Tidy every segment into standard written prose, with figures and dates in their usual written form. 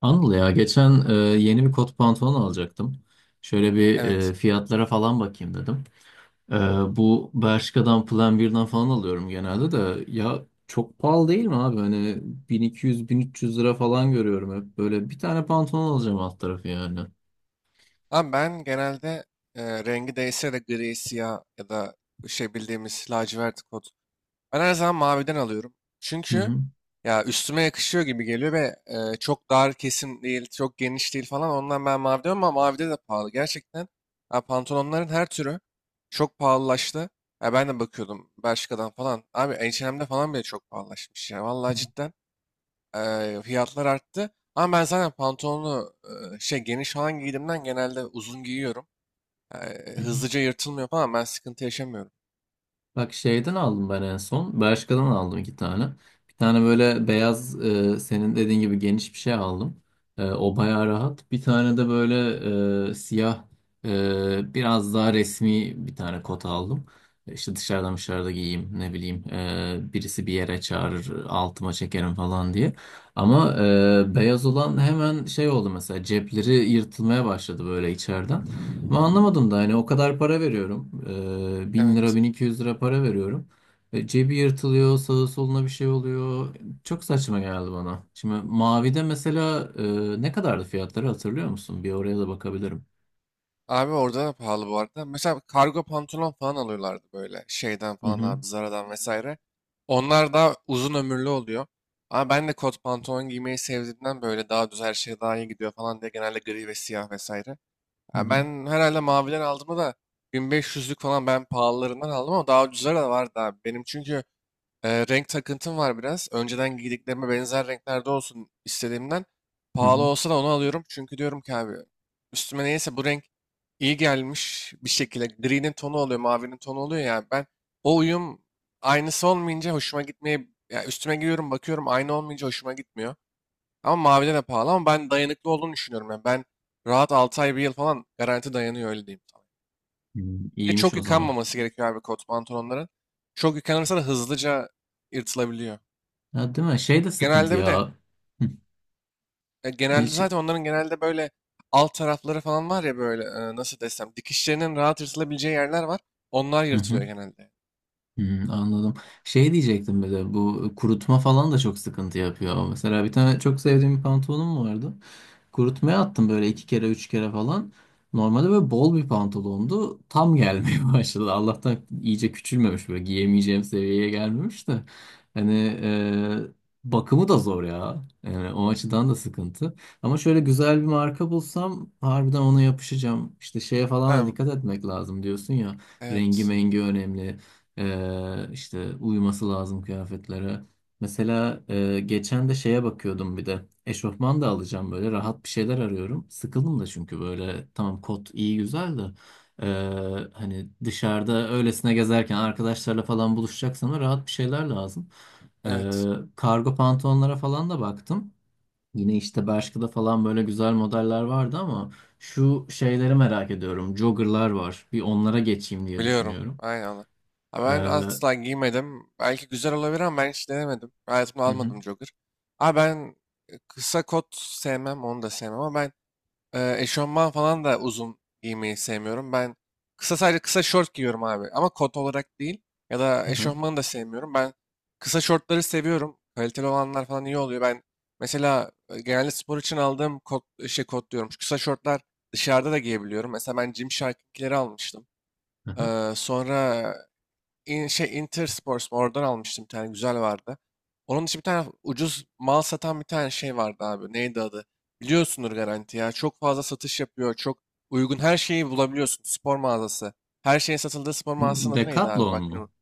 Anıl ya geçen yeni bir kot pantolon alacaktım. Şöyle bir Evet. Fiyatlara falan bakayım dedim. E, Bu Bershka'dan Plan 1'den falan alıyorum genelde de. Ya çok pahalı değil mi abi? Hani 1.200-1.300 lira falan görüyorum hep. Böyle bir tane pantolon alacağım alt tarafı yani. Ama ben genelde rengi değişse de gri, siyah ya da şey bildiğimiz lacivert kod. Ben her zaman maviden alıyorum. Çünkü Hı ya üstüme yakışıyor gibi geliyor ve çok dar kesim değil, çok geniş değil falan. Ondan ben mavi diyorum ama mavide de pahalı. Gerçekten ya pantolonların her türü çok pahalılaştı. Ya ben de bakıyordum Bershka'dan falan. Abi H&M'de falan bile çok pahalılaşmış ya. Vallahi cidden. Fiyatlar arttı. Ama ben zaten pantolonu şey geniş falan giydiğimden genelde uzun giyiyorum. Hı. Hızlıca yırtılmıyor falan ben sıkıntı yaşamıyorum. Bak şeyden aldım ben en son. Bershka'dan aldım iki tane. Bir tane böyle beyaz, senin dediğin gibi geniş bir şey aldım. O bayağı rahat. Bir tane de böyle siyah, biraz daha resmi bir tane kot aldım. İşte dışarıda giyeyim, ne bileyim, birisi bir yere çağırır altıma çekerim falan diye. Ama beyaz olan hemen şey oldu, mesela cepleri yırtılmaya başladı böyle içeriden. Ama anlamadım da, hani o kadar para veriyorum. 1.000 lira, Evet. 1.200 lira para veriyorum. Cebi yırtılıyor, sağa soluna bir şey oluyor. Çok saçma geldi bana. Şimdi mavide mesela, ne kadardı fiyatları hatırlıyor musun? Bir oraya da bakabilirim. Abi orada da pahalı bu arada. Mesela kargo pantolon falan alıyorlardı böyle şeyden Hı falan hı. abi Zara'dan vesaire. Onlar daha uzun ömürlü oluyor. Ama ben de kot pantolon giymeyi sevdiğimden böyle daha düz her şey daha iyi gidiyor falan diye genelde gri ve siyah vesaire. Hı Ya hı. ben herhalde maviden aldım da 1500'lük falan ben pahalılarından aldım ama daha ucuzları da vardı abi. Benim çünkü renk takıntım var biraz. Önceden giydiklerime benzer renklerde olsun istediğimden. Hı Pahalı hı. olsa da onu alıyorum. Çünkü diyorum ki abi üstüme neyse bu renk iyi gelmiş bir şekilde. Gri'nin tonu oluyor, mavinin tonu oluyor ya. Ben o uyum aynısı olmayınca hoşuma gitmeye... Ya üstüme giyiyorum bakıyorum aynı olmayınca hoşuma gitmiyor. Ama mavide de pahalı ama ben dayanıklı olduğunu düşünüyorum. Yani ben rahat 6 ay bir yıl falan garanti dayanıyor öyle diyeyim sana. Hı, Ve İyiymiş çok o zaman. yıkanmaması gerekiyor abi kot pantolonların. Çok yıkanırsa da hızlıca yırtılabiliyor. Ya değil mi? Şey de sıkıntı Genelde bir de ya. Hı. E, genelde şey- zaten onların genelde böyle alt tarafları falan var ya böyle nasıl desem dikişlerinin rahat yırtılabileceği yerler var. Onlar Hı hı. yırtılıyor genelde. Hı, anladım. Şey diyecektim, bir de bu kurutma falan da çok sıkıntı yapıyor. Mesela bir tane çok sevdiğim bir pantolonum vardı. Kurutmaya attım böyle iki kere üç kere falan. Normalde böyle bol bir pantolondu. Tam gelmeye başladı. Allah'tan iyice küçülmemiş, böyle giyemeyeceğim seviyeye gelmemiş de. Hani e, bakımı da zor ya. Yani o açıdan da sıkıntı. Ama şöyle güzel bir marka bulsam harbiden ona yapışacağım. İşte şeye falan da Ha, dikkat etmek lazım diyorsun ya. Rengi evet. mengi önemli. İşte uyuması lazım kıyafetlere. Mesela geçen de şeye bakıyordum bir de. Eşofman da alacağım, böyle rahat bir şeyler arıyorum. Sıkıldım da çünkü, böyle tamam kot iyi güzel de e, hani dışarıda öylesine gezerken arkadaşlarla falan buluşacaksam da rahat bir şeyler lazım. E, Evet. Kargo pantolonlara falan da baktım. Yine işte Bershka'da falan böyle güzel modeller vardı ama şu şeyleri merak ediyorum. Jogger'lar var. Bir onlara geçeyim diye Biliyorum. düşünüyorum. Aynen, öyle. Ha, ben Hı asla giymedim. Belki güzel olabilir ama ben hiç denemedim. Hayatımda hı, almadım jogger. Abi ben kısa kot sevmem, onu da sevmem ama ben eşofman falan da uzun giymeyi sevmiyorum. Ben kısa sadece kısa şort giyiyorum abi ama kot olarak değil ya da hı hı, eşofmanı da sevmiyorum. Ben kısa şortları seviyorum. Kaliteli olanlar falan iyi oluyor. Ben mesela genelde spor için aldığım kot, şey kot diyorum. Şu kısa şortlar dışarıda da giyebiliyorum. Mesela ben Gymshark'ınkileri almıştım. hı hı. Sonra şey Intersport mu? Oradan almıştım bir tane güzel vardı. Onun için bir tane ucuz mal satan bir tane şey vardı abi. Neydi adı? Biliyorsundur garanti ya. Çok fazla satış yapıyor. Çok uygun her şeyi bulabiliyorsun. Spor mağazası. Her şeyin satıldığı spor Bu mağazasının adı neydi abi? Decathlon Bak yine mu?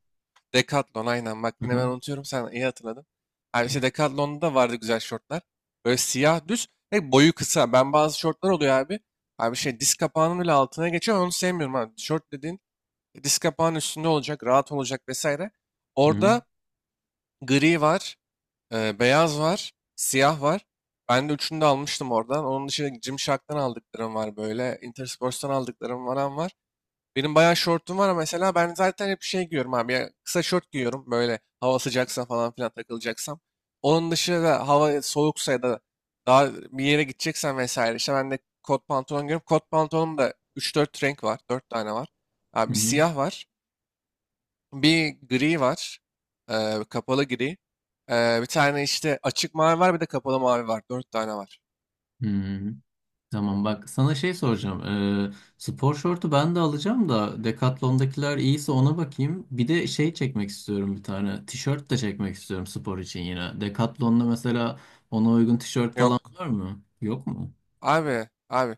Decathlon aynen. Bak yine ben unutuyorum. Sen iyi hatırladın. Abi işte Decathlon'da da vardı güzel şortlar. Böyle siyah düz ve boyu kısa. Ben bazı şortlar oluyor abi. Abi şey diz kapağının bile altına geçiyor. Onu sevmiyorum abi. Şort dediğin disk kapağının üstünde olacak, rahat olacak vesaire. Hı hı, Orada gri var, beyaz var, siyah var. Ben de üçünü de almıştım oradan. Onun dışında Gymshark'tan aldıklarım var böyle. Intersports'tan aldıklarım varan var. Benim bayağı şortum var ama mesela ben zaten hep şey giyiyorum abi. Ya kısa şort giyiyorum böyle hava sıcaksa falan filan takılacaksam. Onun dışında hava soğuksa ya da daha bir yere gideceksen vesaire. İşte ben de kot pantolon giyiyorum. Kot pantolonum da üç dört renk var. Dört tane var. Abi hı bir hı, siyah var. Bir gri var. Kapalı gri. Bir tane işte açık mavi var bir de kapalı mavi var. Dört tane var. hı hı. Tamam bak, sana şey soracağım. Ee, Spor şortu ben de alacağım da, Decathlon'dakiler iyiyse ona bakayım. Bir de şey çekmek istiyorum bir tane. Tişört de çekmek istiyorum spor için yine. Decathlon'da mesela ona uygun tişört falan Yok. var mı? Yok mu? Abi, abi.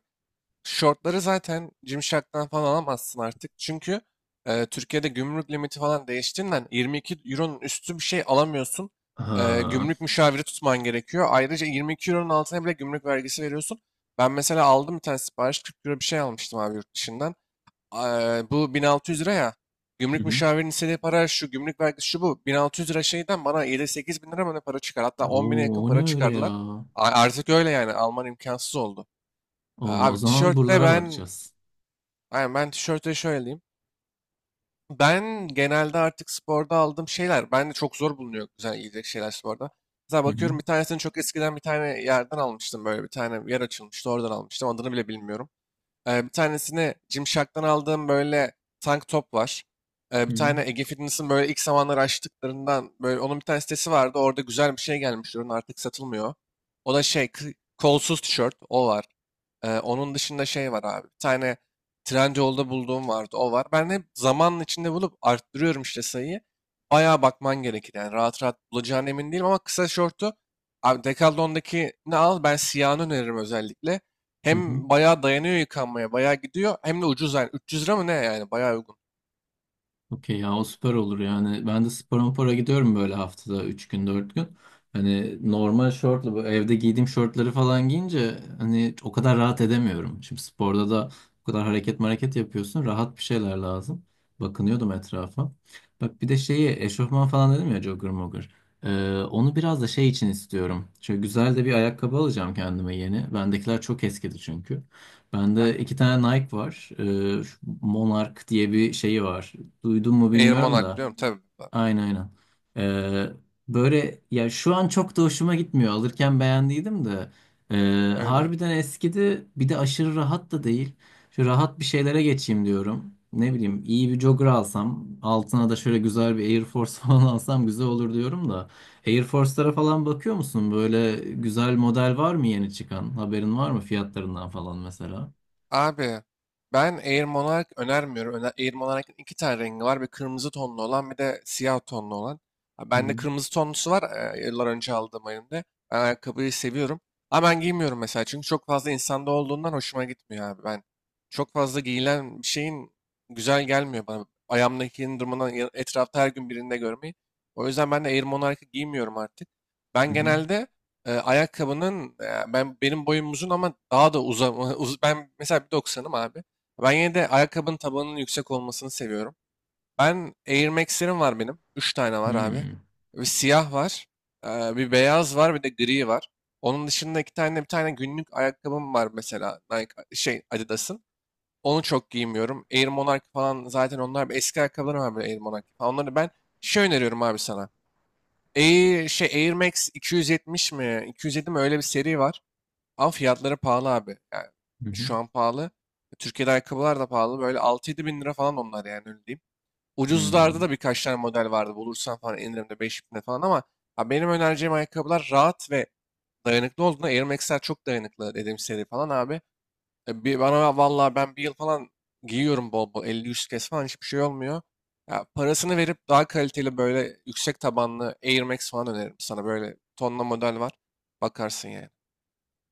Shortları zaten Gymshark'tan falan alamazsın artık. Çünkü Türkiye'de gümrük limiti falan değiştiğinden 22 euronun üstü bir şey alamıyorsun. Ha. Gümrük müşaviri tutman gerekiyor. Ayrıca 22 euronun altına bile gümrük vergisi veriyorsun. Ben mesela aldım bir tane sipariş 40 euro bir şey almıştım abi yurt dışından. Bu 1600 lira ya. Hı Gümrük hı. müşavirinin istediği para şu, gümrük vergisi şu bu. 1600 lira şeyden bana 7-8 bin lira mı ne para çıkar. Hatta 10 bine Oo, yakın o ne para öyle ya? çıkardılar. Artık öyle yani. Alman imkansız oldu. Oo, o Abi zaman tişörtte buralara ben. bakacağız. Aynen, ben tişörte şöyle diyeyim. Ben genelde artık sporda aldığım şeyler, ben de çok zor bulunuyor güzel giyecek şeyler sporda. Mesela Hı hı, bakıyorum bir tanesini çok eskiden bir tane yerden almıştım böyle bir tane bir yer açılmıştı oradan almıştım adını bile bilmiyorum. Bir tanesini Gymshark'tan aldığım böyle tank top var. Hı Bir hı, tane Ege Fitness'ın böyle ilk zamanları açtıklarından böyle onun bir tane sitesi vardı orada güzel bir şey gelmiş ürün artık satılmıyor. O da şey kolsuz tişört o var. Onun dışında şey var abi. Bir tane Trendyol'da bulduğum vardı. O var. Ben hep zamanın içinde bulup arttırıyorum işte sayıyı. Bayağı bakman gerekir. Yani rahat rahat bulacağına emin değilim ama kısa şortu abi Decathlon'daki ne al? Ben siyahını öneririm özellikle. hı hı. Hem bayağı dayanıyor yıkanmaya. Bayağı gidiyor. Hem de ucuz yani. 300 lira mı ne yani? Bayağı uygun. Okey ya, o süper olur yani. Ben de spora para gidiyorum böyle haftada 3 gün 4 gün. Hani normal şortla, bu evde giydiğim şortları falan giyince hani o kadar rahat edemiyorum. Şimdi sporda da o kadar hareket hareket yapıyorsun. Rahat bir şeyler lazım. Bakınıyordum etrafa. Bak, bir de şeyi eşofman falan dedim ya, jogger mogger. Onu biraz da şey için istiyorum. Şöyle güzel de bir ayakkabı alacağım kendime yeni. Bendekiler çok eskidi çünkü. Bende Aynen. iki tane Nike var. Şu Monarch diye bir şeyi var. Duydun mu Air bilmiyorum Monarch da. biliyorum tabii. Aynen, aynen. Ee, Böyle ya, şu an çok da hoşuma gitmiyor. Alırken beğendiydim de. Ee, Öyle. Harbiden eskidi. Bir de aşırı rahat da değil. Şu rahat bir şeylere geçeyim diyorum. Ne bileyim, iyi bir jogger alsam. Altına da şöyle güzel bir Air Force falan alsam güzel olur diyorum da. Air Force'lara falan bakıyor musun? Böyle güzel model var mı yeni çıkan? Haberin var mı fiyatlarından falan mesela? Abi ben Air Monarch önermiyorum. Öner Air Monarch'ın iki tane rengi var. Bir kırmızı tonlu olan bir de siyah tonlu olan. Ha, Hı bende hı. kırmızı tonlusu var. Yıllar önce aldığım elimde. Ben ayakkabıyı seviyorum. Ama ben giymiyorum mesela. Çünkü çok fazla insanda olduğundan hoşuma gitmiyor abi. Ben çok fazla giyilen bir şeyin güzel gelmiyor bana. Ayağımdakinin durumundan etrafta her gün birinde görmeyi. O yüzden ben de Air Monarch'ı giymiyorum artık. Hı Ben hı. genelde ayakkabının ben benim boyum uzun ama daha da uzama ben mesela 1,90'ım abi. Ben yine de ayakkabının tabanının yüksek olmasını seviyorum. Ben Air Max'lerim var benim. Üç tane Hı var abi. hı. Bir siyah var. Bir beyaz var bir de gri var. Onun dışında iki tane bir tane günlük ayakkabım var mesela Nike şey Adidas'ın. Onu çok giymiyorum. Air Monarch falan zaten onlar eski ayakkabılarım var böyle Air Monarch falan. Onları ben şey öneriyorum abi sana. Air, şey Air Max 270 mi? 207 mi? Öyle bir seri var. Ama fiyatları pahalı abi. Yani Hı şu an pahalı. Türkiye'de ayakkabılar da pahalı. Böyle 6-7 bin lira falan onlar yani öyle diyeyim. hı. Ucuzlarda Hı. da birkaç tane model vardı. Bulursan falan indirimde 5 bine falan ama ha, benim önereceğim ayakkabılar rahat ve dayanıklı olduğunda Air Max'ler çok dayanıklı dediğim seri falan abi. Bir, bana vallahi ben bir yıl falan giyiyorum bol bol 50-100 kez falan hiçbir şey olmuyor. Ya, parasını verip daha kaliteli böyle yüksek tabanlı Air Max falan öneririm sana. Böyle tonla model var. Bakarsın yani.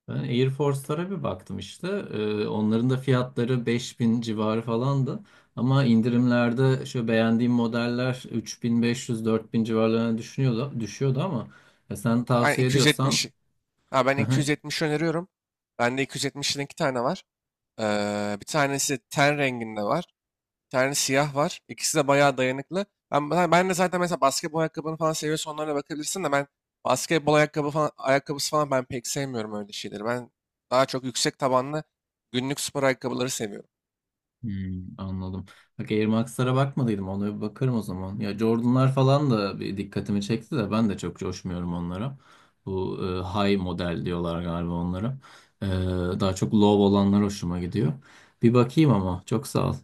Ben Air Force'lara bir baktım işte. Onların da fiyatları 5.000 civarı falandı. Ama indirimlerde şu beğendiğim modeller 3.500 4.000 civarlarına düşüyordu ama ya sen Aynen tavsiye ediyorsan. 270. Ha, ben 270 öneriyorum. Bende 270'in iki tane var. Bir tanesi ten renginde var. Bir tane siyah var. İkisi de bayağı dayanıklı. Ben de zaten mesela basketbol ayakkabını falan seviyorsan onlara bakabilirsin de ben basketbol ayakkabı falan, ayakkabısı falan ben pek sevmiyorum öyle şeyleri. Ben daha çok yüksek tabanlı günlük spor ayakkabıları seviyorum. Hmm, anladım. Bak Air Max'lara bakmadıydım. Ona bir bakarım o zaman. Ya Jordan'lar falan da bir dikkatimi çekti de ben de çok coşmuyorum onlara. Bu high model diyorlar galiba onlara. E, Daha çok low olanlar hoşuma gidiyor. Bir bakayım ama çok sağ ol.